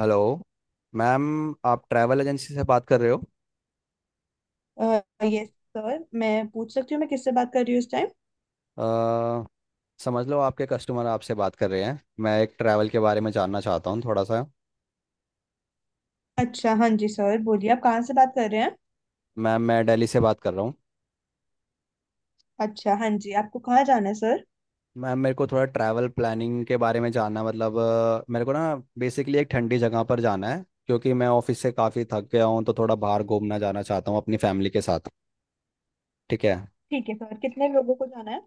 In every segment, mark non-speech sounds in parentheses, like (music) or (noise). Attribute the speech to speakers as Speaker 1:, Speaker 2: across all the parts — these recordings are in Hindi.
Speaker 1: हेलो मैम, आप ट्रैवल एजेंसी से बात कर रहे हो।
Speaker 2: यस। सर मैं पूछ सकती हूँ मैं किससे बात कर रही हूँ इस टाइम।
Speaker 1: अ, समझ लो आपके कस्टमर आपसे बात कर रहे हैं। मैं एक ट्रैवल के बारे में जानना चाहता हूँ थोड़ा सा।
Speaker 2: अच्छा हाँ जी सर बोलिए, आप कहाँ से बात कर रहे हैं।
Speaker 1: मैम, मैं दिल्ली से बात कर रहा हूँ।
Speaker 2: अच्छा हाँ जी, आपको कहाँ जाना है सर।
Speaker 1: मैम, मेरे को थोड़ा ट्रैवल प्लानिंग के बारे में जानना, मतलब मेरे को ना बेसिकली एक ठंडी जगह पर जाना है, क्योंकि मैं ऑफिस से काफ़ी थक गया हूँ, तो थोड़ा बाहर घूमना जाना चाहता हूँ अपनी फैमिली के साथ। ठीक है।
Speaker 2: ठीक है सर, कितने लोगों को जाना है।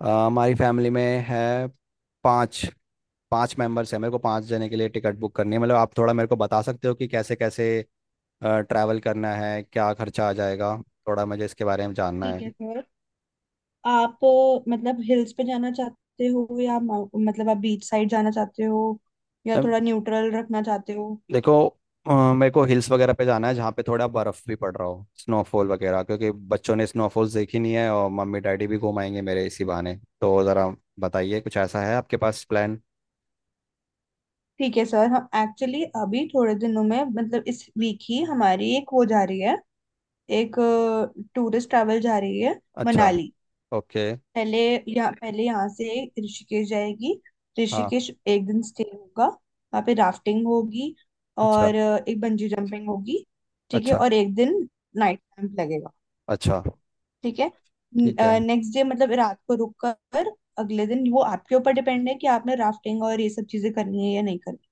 Speaker 1: हमारी फैमिली में है पाँच पांच मेंबर्स हैं, मेरे को पांच जने के लिए टिकट बुक करनी है। मतलब आप थोड़ा मेरे को बता सकते हो कि कैसे कैसे ट्रैवल करना है, क्या खर्चा आ जाएगा। थोड़ा मुझे इसके बारे में जानना
Speaker 2: ठीक
Speaker 1: है।
Speaker 2: है सर। आप मतलब हिल्स पे जाना चाहते हो या मतलब आप बीच साइड जाना चाहते हो या
Speaker 1: अम,
Speaker 2: थोड़ा न्यूट्रल रखना चाहते हो।
Speaker 1: देखो, मेरे को हिल्स वगैरह पे जाना है, जहाँ पे थोड़ा बर्फ़ भी पड़ रहा हो, स्नोफॉल वगैरह, क्योंकि बच्चों ने स्नोफॉल्स देखी नहीं है, और मम्मी डैडी भी घुमाएंगे मेरे इसी बहाने। तो ज़रा बताइए, कुछ ऐसा है आपके पास प्लान?
Speaker 2: ठीक है सर, हम एक्चुअली अभी थोड़े दिनों में मतलब इस वीक ही हमारी एक वो जा रही है, एक टूरिस्ट ट्रैवल जा रही है
Speaker 1: अच्छा।
Speaker 2: मनाली।
Speaker 1: ओके।
Speaker 2: पहले पहले यहाँ से ऋषिकेश जाएगी।
Speaker 1: हाँ।
Speaker 2: ऋषिकेश एक दिन स्टे होगा, वहाँ पे राफ्टिंग होगी
Speaker 1: अच्छा।
Speaker 2: और एक बंजी जंपिंग होगी। ठीक है,
Speaker 1: अच्छा,
Speaker 2: और एक दिन नाइट कैंप लगेगा।
Speaker 1: अच्छा।
Speaker 2: ठीक है।
Speaker 1: ठीक है।
Speaker 2: नेक्स्ट डे मतलब रात को रुक कर अगले दिन वो आपके ऊपर डिपेंड है कि आपने राफ्टिंग और ये सब चीजें करनी है या नहीं करनी।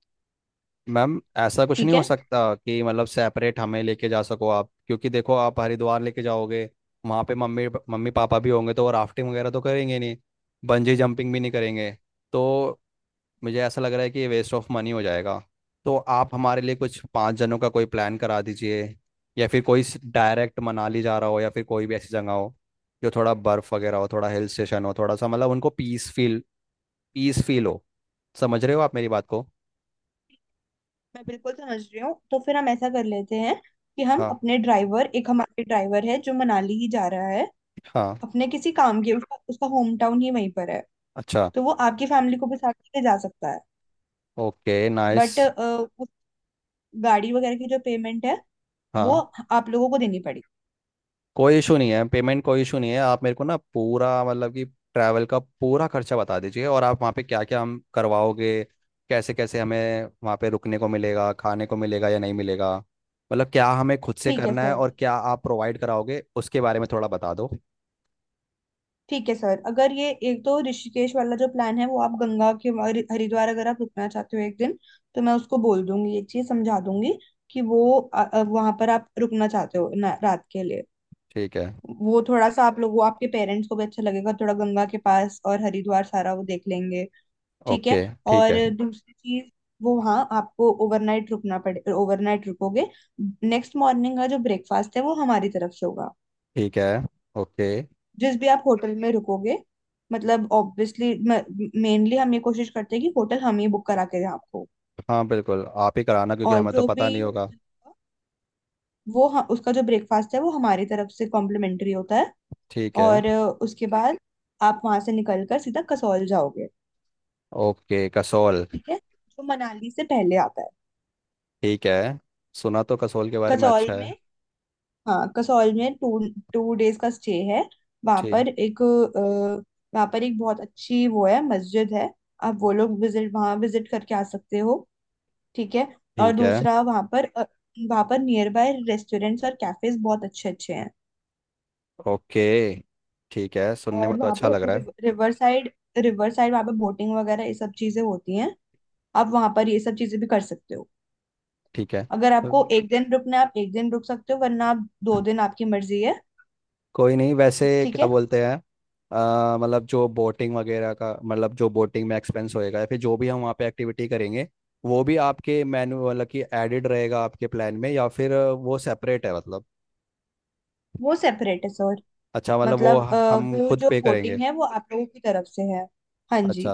Speaker 1: मैम, ऐसा कुछ नहीं
Speaker 2: ठीक
Speaker 1: हो
Speaker 2: है,
Speaker 1: सकता कि मतलब सेपरेट हमें लेके जा सको आप? क्योंकि देखो, आप हरिद्वार लेके जाओगे, वहाँ पे मम्मी मम्मी पापा भी होंगे, तो वो राफ्टिंग वगैरह तो करेंगे नहीं, बंजी जंपिंग भी नहीं करेंगे। तो मुझे ऐसा लग रहा है कि ये वेस्ट ऑफ मनी हो जाएगा। तो आप हमारे लिए कुछ पाँच जनों का कोई प्लान करा दीजिए, या फिर कोई डायरेक्ट मनाली जा रहा हो, या फिर कोई भी ऐसी जगह हो जो थोड़ा बर्फ़ वगैरह हो, थोड़ा हिल स्टेशन हो, थोड़ा सा मतलब उनको पीस फील, पीस फील हो। समझ रहे हो आप मेरी बात को?
Speaker 2: मैं बिल्कुल समझ रही हूँ। तो फिर हम ऐसा कर लेते हैं कि हम
Speaker 1: हाँ,
Speaker 2: अपने ड्राइवर, एक हमारे ड्राइवर है जो मनाली ही जा रहा है
Speaker 1: हाँ।
Speaker 2: अपने किसी काम के, उसका होम टाउन ही वहीं पर है,
Speaker 1: अच्छा।
Speaker 2: तो वो आपकी फैमिली को भी साथ लेके जा सकता है।
Speaker 1: Okay,
Speaker 2: but
Speaker 1: nice.
Speaker 2: उस गाड़ी वगैरह की जो पेमेंट है वो
Speaker 1: हाँ,
Speaker 2: आप लोगों को देनी पड़ेगी।
Speaker 1: कोई इशू नहीं है, पेमेंट कोई इशू नहीं है। आप मेरे को ना पूरा, मतलब कि ट्रैवल का पूरा खर्चा बता दीजिए, और आप वहाँ पे क्या क्या हम करवाओगे, कैसे कैसे हमें वहाँ पे रुकने को मिलेगा, खाने को मिलेगा या नहीं मिलेगा, मतलब क्या हमें खुद से
Speaker 2: ठीक है
Speaker 1: करना है
Speaker 2: सर।
Speaker 1: और क्या आप प्रोवाइड कराओगे, उसके बारे में थोड़ा बता दो।
Speaker 2: ठीक है सर, अगर ये एक तो ऋषिकेश वाला जो प्लान है वो आप गंगा के हरिद्वार अगर आप रुकना चाहते हो एक दिन, तो मैं उसको बोल दूंगी, ये चीज समझा दूंगी कि वो वहां पर आप रुकना चाहते हो रात के लिए।
Speaker 1: ठीक है।
Speaker 2: वो थोड़ा सा आप लोग वो आपके पेरेंट्स को भी अच्छा लगेगा थोड़ा, गंगा के पास, और हरिद्वार सारा वो देख लेंगे। ठीक है।
Speaker 1: ओके, ठीक
Speaker 2: और
Speaker 1: है।
Speaker 2: हाँ दूसरी चीज, वो वहाँ आपको ओवरनाइट रुकना पड़े, ओवरनाइट रुकोगे, नेक्स्ट मॉर्निंग का जो ब्रेकफास्ट है वो हमारी तरफ से होगा।
Speaker 1: ठीक है। ओके।
Speaker 2: जिस भी आप होटल में रुकोगे, मतलब ऑब्वियसली मेनली हम ये कोशिश करते हैं कि होटल हम ही बुक करा के दें आपको।
Speaker 1: हाँ बिल्कुल, आप ही कराना, क्योंकि
Speaker 2: और
Speaker 1: हमें तो
Speaker 2: जो भी
Speaker 1: पता नहीं होगा।
Speaker 2: होटल होगा, उसका जो ब्रेकफास्ट है वो हमारी तरफ से कॉम्प्लीमेंट्री होता है।
Speaker 1: ठीक है।
Speaker 2: और उसके बाद आप वहां से निकल कर सीधा कसौल जाओगे।
Speaker 1: ओके, कसौल।
Speaker 2: ठीक है, जो मनाली से पहले आता है।
Speaker 1: ठीक है। सुना तो कसौल के बारे में
Speaker 2: कसौल
Speaker 1: अच्छा
Speaker 2: में,
Speaker 1: है।
Speaker 2: हाँ कसौल में टू टू डेज का स्टे है। वहां
Speaker 1: ठीक।
Speaker 2: पर एक अ, वहाँ पर एक बहुत अच्छी वो है, मस्जिद है। आप वो लोग विजिट वहाँ विजिट करके आ सकते हो। ठीक है। और
Speaker 1: ठीक है।
Speaker 2: दूसरा वहाँ पर अ, वहाँ पर नियर बाय रेस्टोरेंट्स और कैफेज बहुत अच्छे अच्छे हैं।
Speaker 1: ओके, ठीक है, सुनने
Speaker 2: और
Speaker 1: में तो
Speaker 2: वहाँ
Speaker 1: अच्छा लग
Speaker 2: पर
Speaker 1: रहा है।
Speaker 2: रिवर साइड वहाँ पर बोटिंग वगैरह ये सब चीजें होती हैं। आप वहाँ पर ये सब चीजें भी कर सकते हो।
Speaker 1: ठीक है।
Speaker 2: अगर आपको एक दिन रुकना है आप एक दिन रुक सकते हो, वरना आप दो दिन, आपकी मर्जी है।
Speaker 1: कोई नहीं, वैसे
Speaker 2: ठीक
Speaker 1: क्या
Speaker 2: है।
Speaker 1: बोलते हैं, मतलब जो बोटिंग वगैरह का, मतलब जो बोटिंग में एक्सपेंस होएगा या फिर जो भी हम वहाँ पे एक्टिविटी करेंगे, वो भी आपके मेन्यू, मतलब कि एडेड रहेगा आपके प्लान में, या फिर वो सेपरेट है मतलब?
Speaker 2: वो सेपरेट है। सो
Speaker 1: अच्छा, मतलब वो
Speaker 2: मतलब
Speaker 1: हम
Speaker 2: वो
Speaker 1: खुद
Speaker 2: जो
Speaker 1: पे
Speaker 2: वोटिंग
Speaker 1: करेंगे।
Speaker 2: है वो आप लोगों की तरफ से है। हाँ
Speaker 1: अच्छा,
Speaker 2: जी।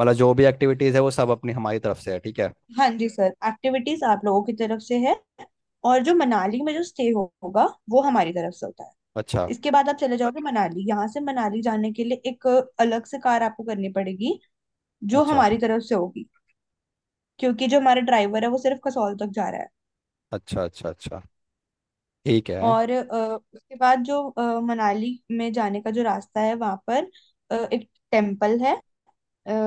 Speaker 1: मतलब जो भी एक्टिविटीज़ है वो सब अपनी, हमारी तरफ से है, ठीक है।
Speaker 2: हाँ जी सर, एक्टिविटीज आप लोगों की तरफ से है। और जो मनाली में जो स्टे होगा वो हमारी तरफ से होता है।
Speaker 1: अच्छा।
Speaker 2: इसके बाद आप चले जाओगे मनाली। यहाँ से मनाली जाने के लिए एक अलग से कार आपको करनी पड़ेगी, जो
Speaker 1: अच्छा
Speaker 2: हमारी तरफ से होगी, क्योंकि जो हमारा ड्राइवर है वो सिर्फ कसौल तक जा रहा है।
Speaker 1: अच्छा अच्छा। अच्छा। ठीक है।
Speaker 2: और उसके बाद जो मनाली में जाने का जो रास्ता है वहां पर एक टेम्पल है,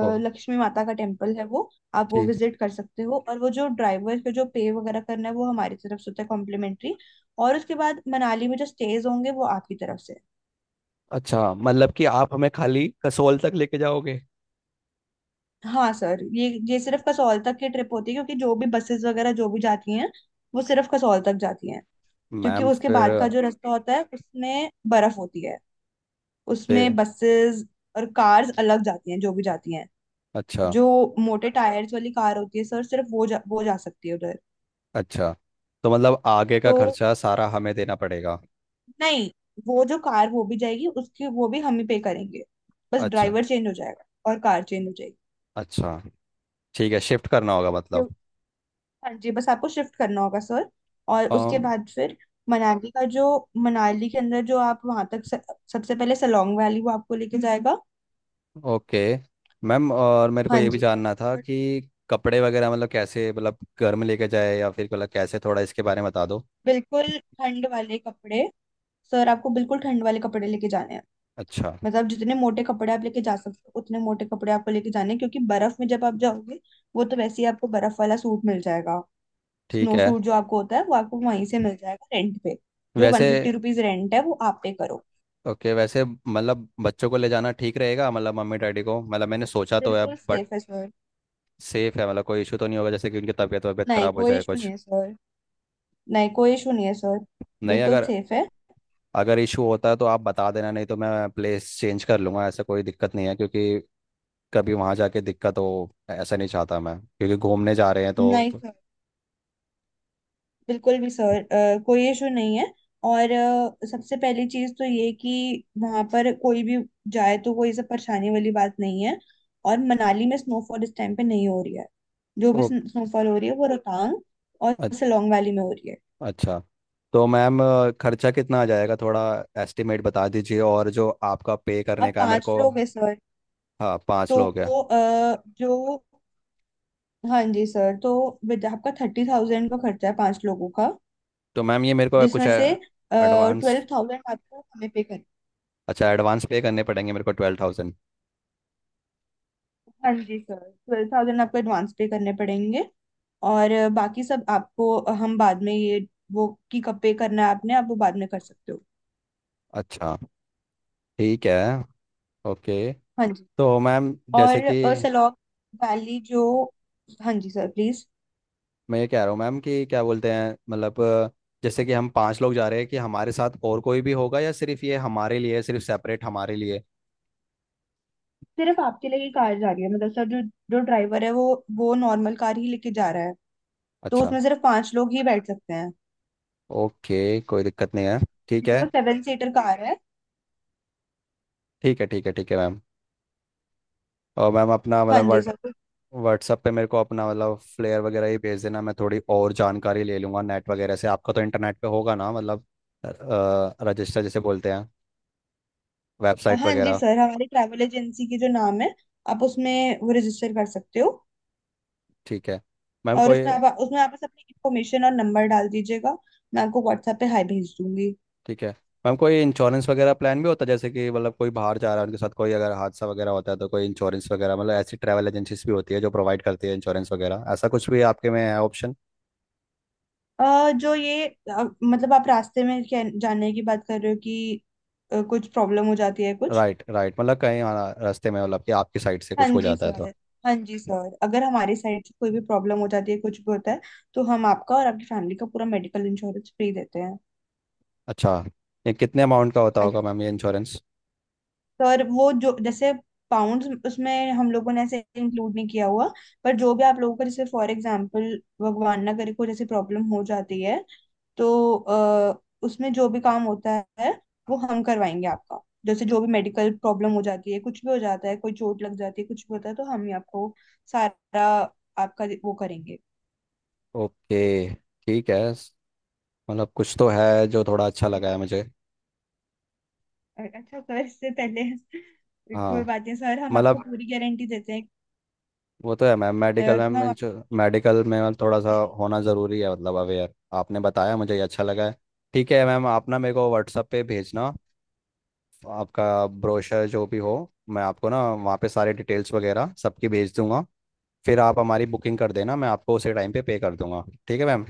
Speaker 1: ओ।
Speaker 2: लक्ष्मी माता का टेम्पल है वो, आप वो
Speaker 1: ठीक।
Speaker 2: विजिट कर सकते हो। और वो जो ड्राइवर का जो पे वगैरह करना है वो हमारी तरफ से होता है, कॉम्प्लीमेंट्री। और उसके बाद मनाली में जो स्टेज होंगे वो आपकी तरफ से।
Speaker 1: अच्छा, मतलब कि आप हमें खाली कसोल तक लेके जाओगे।
Speaker 2: हाँ सर, ये सिर्फ कसौल तक की ट्रिप होती है क्योंकि जो भी बसेस वगैरह जो भी जाती हैं वो सिर्फ कसौल तक जाती हैं, क्योंकि
Speaker 1: मैम,
Speaker 2: उसके
Speaker 1: फिर
Speaker 2: बाद का जो रास्ता होता है उसमें बर्फ होती है।
Speaker 1: पे,
Speaker 2: उसमें बसेस और कार्स अलग जाती हैं, जो भी जाती हैं,
Speaker 1: अच्छा,
Speaker 2: जो मोटे टायर्स वाली कार होती है सर सिर्फ वो वो जा सकती है उधर।
Speaker 1: अच्छा। तो मतलब आगे का
Speaker 2: तो
Speaker 1: खर्चा सारा हमें देना पड़ेगा?
Speaker 2: नहीं, वो जो कार वो भी जाएगी उसकी वो भी हम ही पे करेंगे, बस
Speaker 1: अच्छा।
Speaker 2: ड्राइवर चेंज हो जाएगा और कार चेंज हो जाएगी।
Speaker 1: अच्छा, ठीक है, शिफ्ट करना होगा
Speaker 2: क्यों
Speaker 1: मतलब।
Speaker 2: हाँ जी, बस आपको शिफ्ट करना होगा सर। और उसके
Speaker 1: अम,
Speaker 2: बाद फिर मनाली का जो, मनाली के अंदर जो आप वहां तक सबसे पहले सलोंग वैली वो आपको लेके जाएगा।
Speaker 1: ओके, मैम और मेरे को
Speaker 2: हाँ
Speaker 1: ये भी
Speaker 2: जी,
Speaker 1: जानना था
Speaker 2: और
Speaker 1: कि कपड़े वगैरह, मतलब कैसे, मतलब घर में लेके जाए या फिर, मतलब कैसे, थोड़ा इसके बारे में बता दो।
Speaker 2: बिल्कुल ठंड वाले कपड़े सर, आपको बिल्कुल ठंड वाले कपड़े लेके जाने हैं।
Speaker 1: अच्छा।
Speaker 2: मतलब जितने मोटे कपड़े आप लेके जा सकते हो उतने मोटे कपड़े आपको लेके जाने हैं क्योंकि बर्फ में जब आप जाओगे, वो तो वैसे ही आपको बर्फ वाला सूट मिल जाएगा।
Speaker 1: ठीक
Speaker 2: स्नो
Speaker 1: है।
Speaker 2: सूट जो आपको होता है वो आपको वहीं से मिल जाएगा रेंट पे। जो वन
Speaker 1: वैसे,
Speaker 2: फिफ्टी रुपीज रेंट है वो आप पे करो।
Speaker 1: ओके। वैसे, मतलब बच्चों को ले जाना ठीक रहेगा, मतलब मम्मी डैडी को, मतलब मैंने सोचा तो है,
Speaker 2: बिल्कुल
Speaker 1: बट
Speaker 2: सेफ है सर।
Speaker 1: सेफ है मतलब? कोई इशू तो नहीं होगा जैसे कि उनकी तबीयत वबीयत
Speaker 2: नहीं,
Speaker 1: खराब हो
Speaker 2: कोई
Speaker 1: जाए
Speaker 2: इशू
Speaker 1: कुछ?
Speaker 2: नहीं है सर। नहीं, कोई इशू नहीं है सर।
Speaker 1: नहीं,
Speaker 2: बिल्कुल
Speaker 1: अगर,
Speaker 2: सेफ है।
Speaker 1: अगर इशू होता है तो आप बता देना, नहीं तो मैं प्लेस चेंज कर लूंगा, ऐसा कोई दिक्कत नहीं है। क्योंकि कभी वहां जाके दिक्कत हो, ऐसा नहीं चाहता मैं, क्योंकि घूमने जा रहे हैं तो,
Speaker 2: नहीं
Speaker 1: तो
Speaker 2: सर, बिल्कुल भी सर, कोई इशू नहीं है। और सबसे पहली चीज तो ये कि वहां पर कोई भी जाए तो कोई सब परेशानी वाली बात नहीं है। और मनाली में स्नोफॉल इस टाइम पे नहीं हो रही है, जो भी
Speaker 1: ओ,
Speaker 2: स्नोफॉल हो रही है वो रोहतांग और
Speaker 1: अ-
Speaker 2: सोलोंग वैली में हो रही है।
Speaker 1: अच्छा। तो मैम, खर्चा कितना आ जाएगा, थोड़ा एस्टिमेट बता दीजिए, और जो आपका पे करने
Speaker 2: आप
Speaker 1: का है मेरे
Speaker 2: पांच
Speaker 1: को।
Speaker 2: लोग हैं सर।
Speaker 1: हाँ, पाँच
Speaker 2: तो
Speaker 1: लोग हैं।
Speaker 2: अ, जो हाँ जी सर, तो विद आपका 30,000 का खर्चा है 5 लोगों का,
Speaker 1: तो मैम, ये मेरे को कुछ
Speaker 2: जिसमें से
Speaker 1: एडवांस,
Speaker 2: 12,000 आपको हमें पे कर।
Speaker 1: अच्छा, एडवांस पे करने पड़ेंगे मेरे को 12,000?
Speaker 2: हाँ जी सर, 12,000 आपको एडवांस पे करने पड़ेंगे। और बाकी सब आपको हम बाद में ये वो कि कब पे करना है आपने, आप वो बाद में कर सकते हो।
Speaker 1: अच्छा। ठीक है, ओके।
Speaker 2: हाँ जी।
Speaker 1: तो मैम, जैसे
Speaker 2: और
Speaker 1: कि,
Speaker 2: सलौक वैली जो, हाँ जी सर, प्लीज।
Speaker 1: मैं ये कह रहा हूँ मैम, कि क्या बोलते हैं, मतलब जैसे कि हम पांच लोग जा रहे हैं, कि हमारे साथ और कोई भी होगा, या सिर्फ ये हमारे लिए है, सिर्फ सेपरेट हमारे लिए?
Speaker 2: सिर्फ आपके लिए ही कार जा रही है मतलब सर, जो जो ड्राइवर है वो नॉर्मल कार ही लेके जा रहा है, तो
Speaker 1: अच्छा।
Speaker 2: उसमें सिर्फ 5 लोग ही बैठ सकते हैं।
Speaker 1: ओके, कोई दिक्कत नहीं है। ठीक है।
Speaker 2: जो 7 सीटर कार है।
Speaker 1: ठीक है, ठीक है। ठीक है मैम। और मैम, अपना,
Speaker 2: हाँ
Speaker 1: मतलब
Speaker 2: जी सर।
Speaker 1: व्हाट्सअप पे मेरे को अपना मतलब फ्लेयर वगैरह ही भेज देना। मैं थोड़ी और जानकारी ले लूँगा नेट वगैरह से। आपका तो इंटरनेट पे होगा ना, मतलब रजिस्टर जैसे बोलते हैं, वेबसाइट
Speaker 2: हाँ जी
Speaker 1: वगैरह?
Speaker 2: सर, हमारी ट्रैवल एजेंसी की जो नाम है, आप उसमें वो रजिस्टर कर सकते हो।
Speaker 1: ठीक है। मैम
Speaker 2: और
Speaker 1: कोई,
Speaker 2: उसमें आप बस अपनी इन्फॉर्मेशन और नंबर डाल दीजिएगा। मैं आपको WhatsApp पे हाई भेज दूंगी।
Speaker 1: ठीक है मैम, कोई इंश्योरेंस वगैरह प्लान भी होता है? जैसे कि मतलब कोई बाहर जा रहा है, उनके साथ कोई अगर हादसा वगैरह होता है, तो कोई इंश्योरेंस वगैरह, मतलब ऐसी ट्रैवल एजेंसीज भी होती है जो प्रोवाइड करती है इंश्योरेंस वगैरह, ऐसा कुछ भी आपके में है ऑप्शन?
Speaker 2: जो ये मतलब आप रास्ते में क्या जानने की बात कर रहे हो कि कुछ प्रॉब्लम हो जाती है कुछ।
Speaker 1: राइट, राइट, मतलब कहीं, हाँ, रास्ते में, मतलब कि आपकी साइड से
Speaker 2: हाँ
Speaker 1: कुछ हो
Speaker 2: जी
Speaker 1: जाता है
Speaker 2: सर।
Speaker 1: तो?
Speaker 2: हाँ जी सर, अगर हमारी साइड से कोई भी प्रॉब्लम हो जाती है, कुछ भी होता है, तो हम आपका और आपकी फैमिली का पूरा मेडिकल इंश्योरेंस फ्री देते हैं।
Speaker 1: अच्छा, ये कितने अमाउंट का होता
Speaker 2: हाँ
Speaker 1: होगा
Speaker 2: जी,
Speaker 1: मैम ये इंश्योरेंस?
Speaker 2: और वो जो जैसे पाउंड्स उसमें हम लोगों ने ऐसे इंक्लूड नहीं किया हुआ, पर जो भी आप लोगों का जैसे फॉर एग्जांपल, भगवान ना करे कोई जैसे प्रॉब्लम हो जाती है, तो उसमें जो भी काम होता है वो हम करवाएंगे आपका। जैसे जो भी मेडिकल प्रॉब्लम हो जाती है, कुछ भी हो जाता है, कोई चोट लग जाती है, कुछ भी होता है, तो हम ही आपको सारा आपका वो करेंगे।
Speaker 1: ओके। ठीक है। मतलब कुछ तो है जो थोड़ा अच्छा लगा है मुझे।
Speaker 2: अच्छा सर, इससे पहले (laughs) कोई
Speaker 1: हाँ,
Speaker 2: बात नहीं सर, हम आपको
Speaker 1: मतलब
Speaker 2: पूरी गारंटी देते हैं
Speaker 1: वो तो है मैम, मेडिकल,
Speaker 2: कि
Speaker 1: मैम
Speaker 2: हम
Speaker 1: मेडिकल में मैम थोड़ा सा
Speaker 2: आपको।
Speaker 1: होना ज़रूरी है, मतलब अवेयर, आपने बताया मुझे, ये अच्छा लगा है। ठीक है मैम, आप ना मेरे को व्हाट्सअप पे भेजना आपका ब्रोशर, जो भी हो। मैं आपको ना वहाँ पे सारे डिटेल्स वगैरह सबकी भेज दूंगा, फिर आप हमारी बुकिंग कर देना, मैं आपको उसी टाइम पे पे कर दूंगा, ठीक है मैम?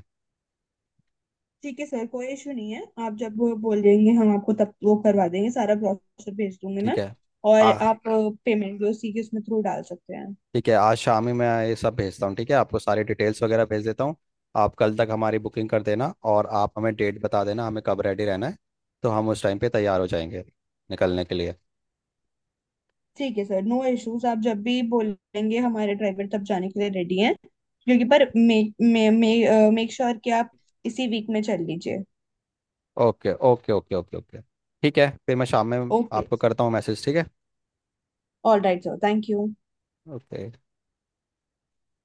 Speaker 2: ठीक है सर, कोई इशू नहीं है, आप जब वो बोल देंगे हम आपको तब वो करवा देंगे, सारा ब्रोशर भेज दूंगी
Speaker 1: ठीक
Speaker 2: मैं।
Speaker 1: है।
Speaker 2: और
Speaker 1: आ,
Speaker 2: आप पेमेंट भी उसी के उसमें थ्रू डाल सकते हैं।
Speaker 1: ठीक है, आज शाम ही मैं ये सब भेजता हूँ, ठीक है? आपको सारी डिटेल्स वगैरह भेज देता हूँ। आप कल तक हमारी बुकिंग कर देना, और आप हमें डेट बता देना हमें कब रेडी रहना है, तो हम उस टाइम पे तैयार हो जाएंगे निकलने के लिए।
Speaker 2: ठीक है सर, नो इश्यूज, आप जब भी बोलेंगे हमारे ड्राइवर तब जाने के लिए रेडी हैं, क्योंकि पर मेक मे, मे, मेक श्योर कि आप इसी वीक में चल लीजिए।
Speaker 1: Okay, okay, okay, okay, okay. ठीक है, फिर मैं शाम में
Speaker 2: ओके।
Speaker 1: आपको करता हूँ मैसेज, ठीक है?
Speaker 2: All right sir, thank you.
Speaker 1: Okay.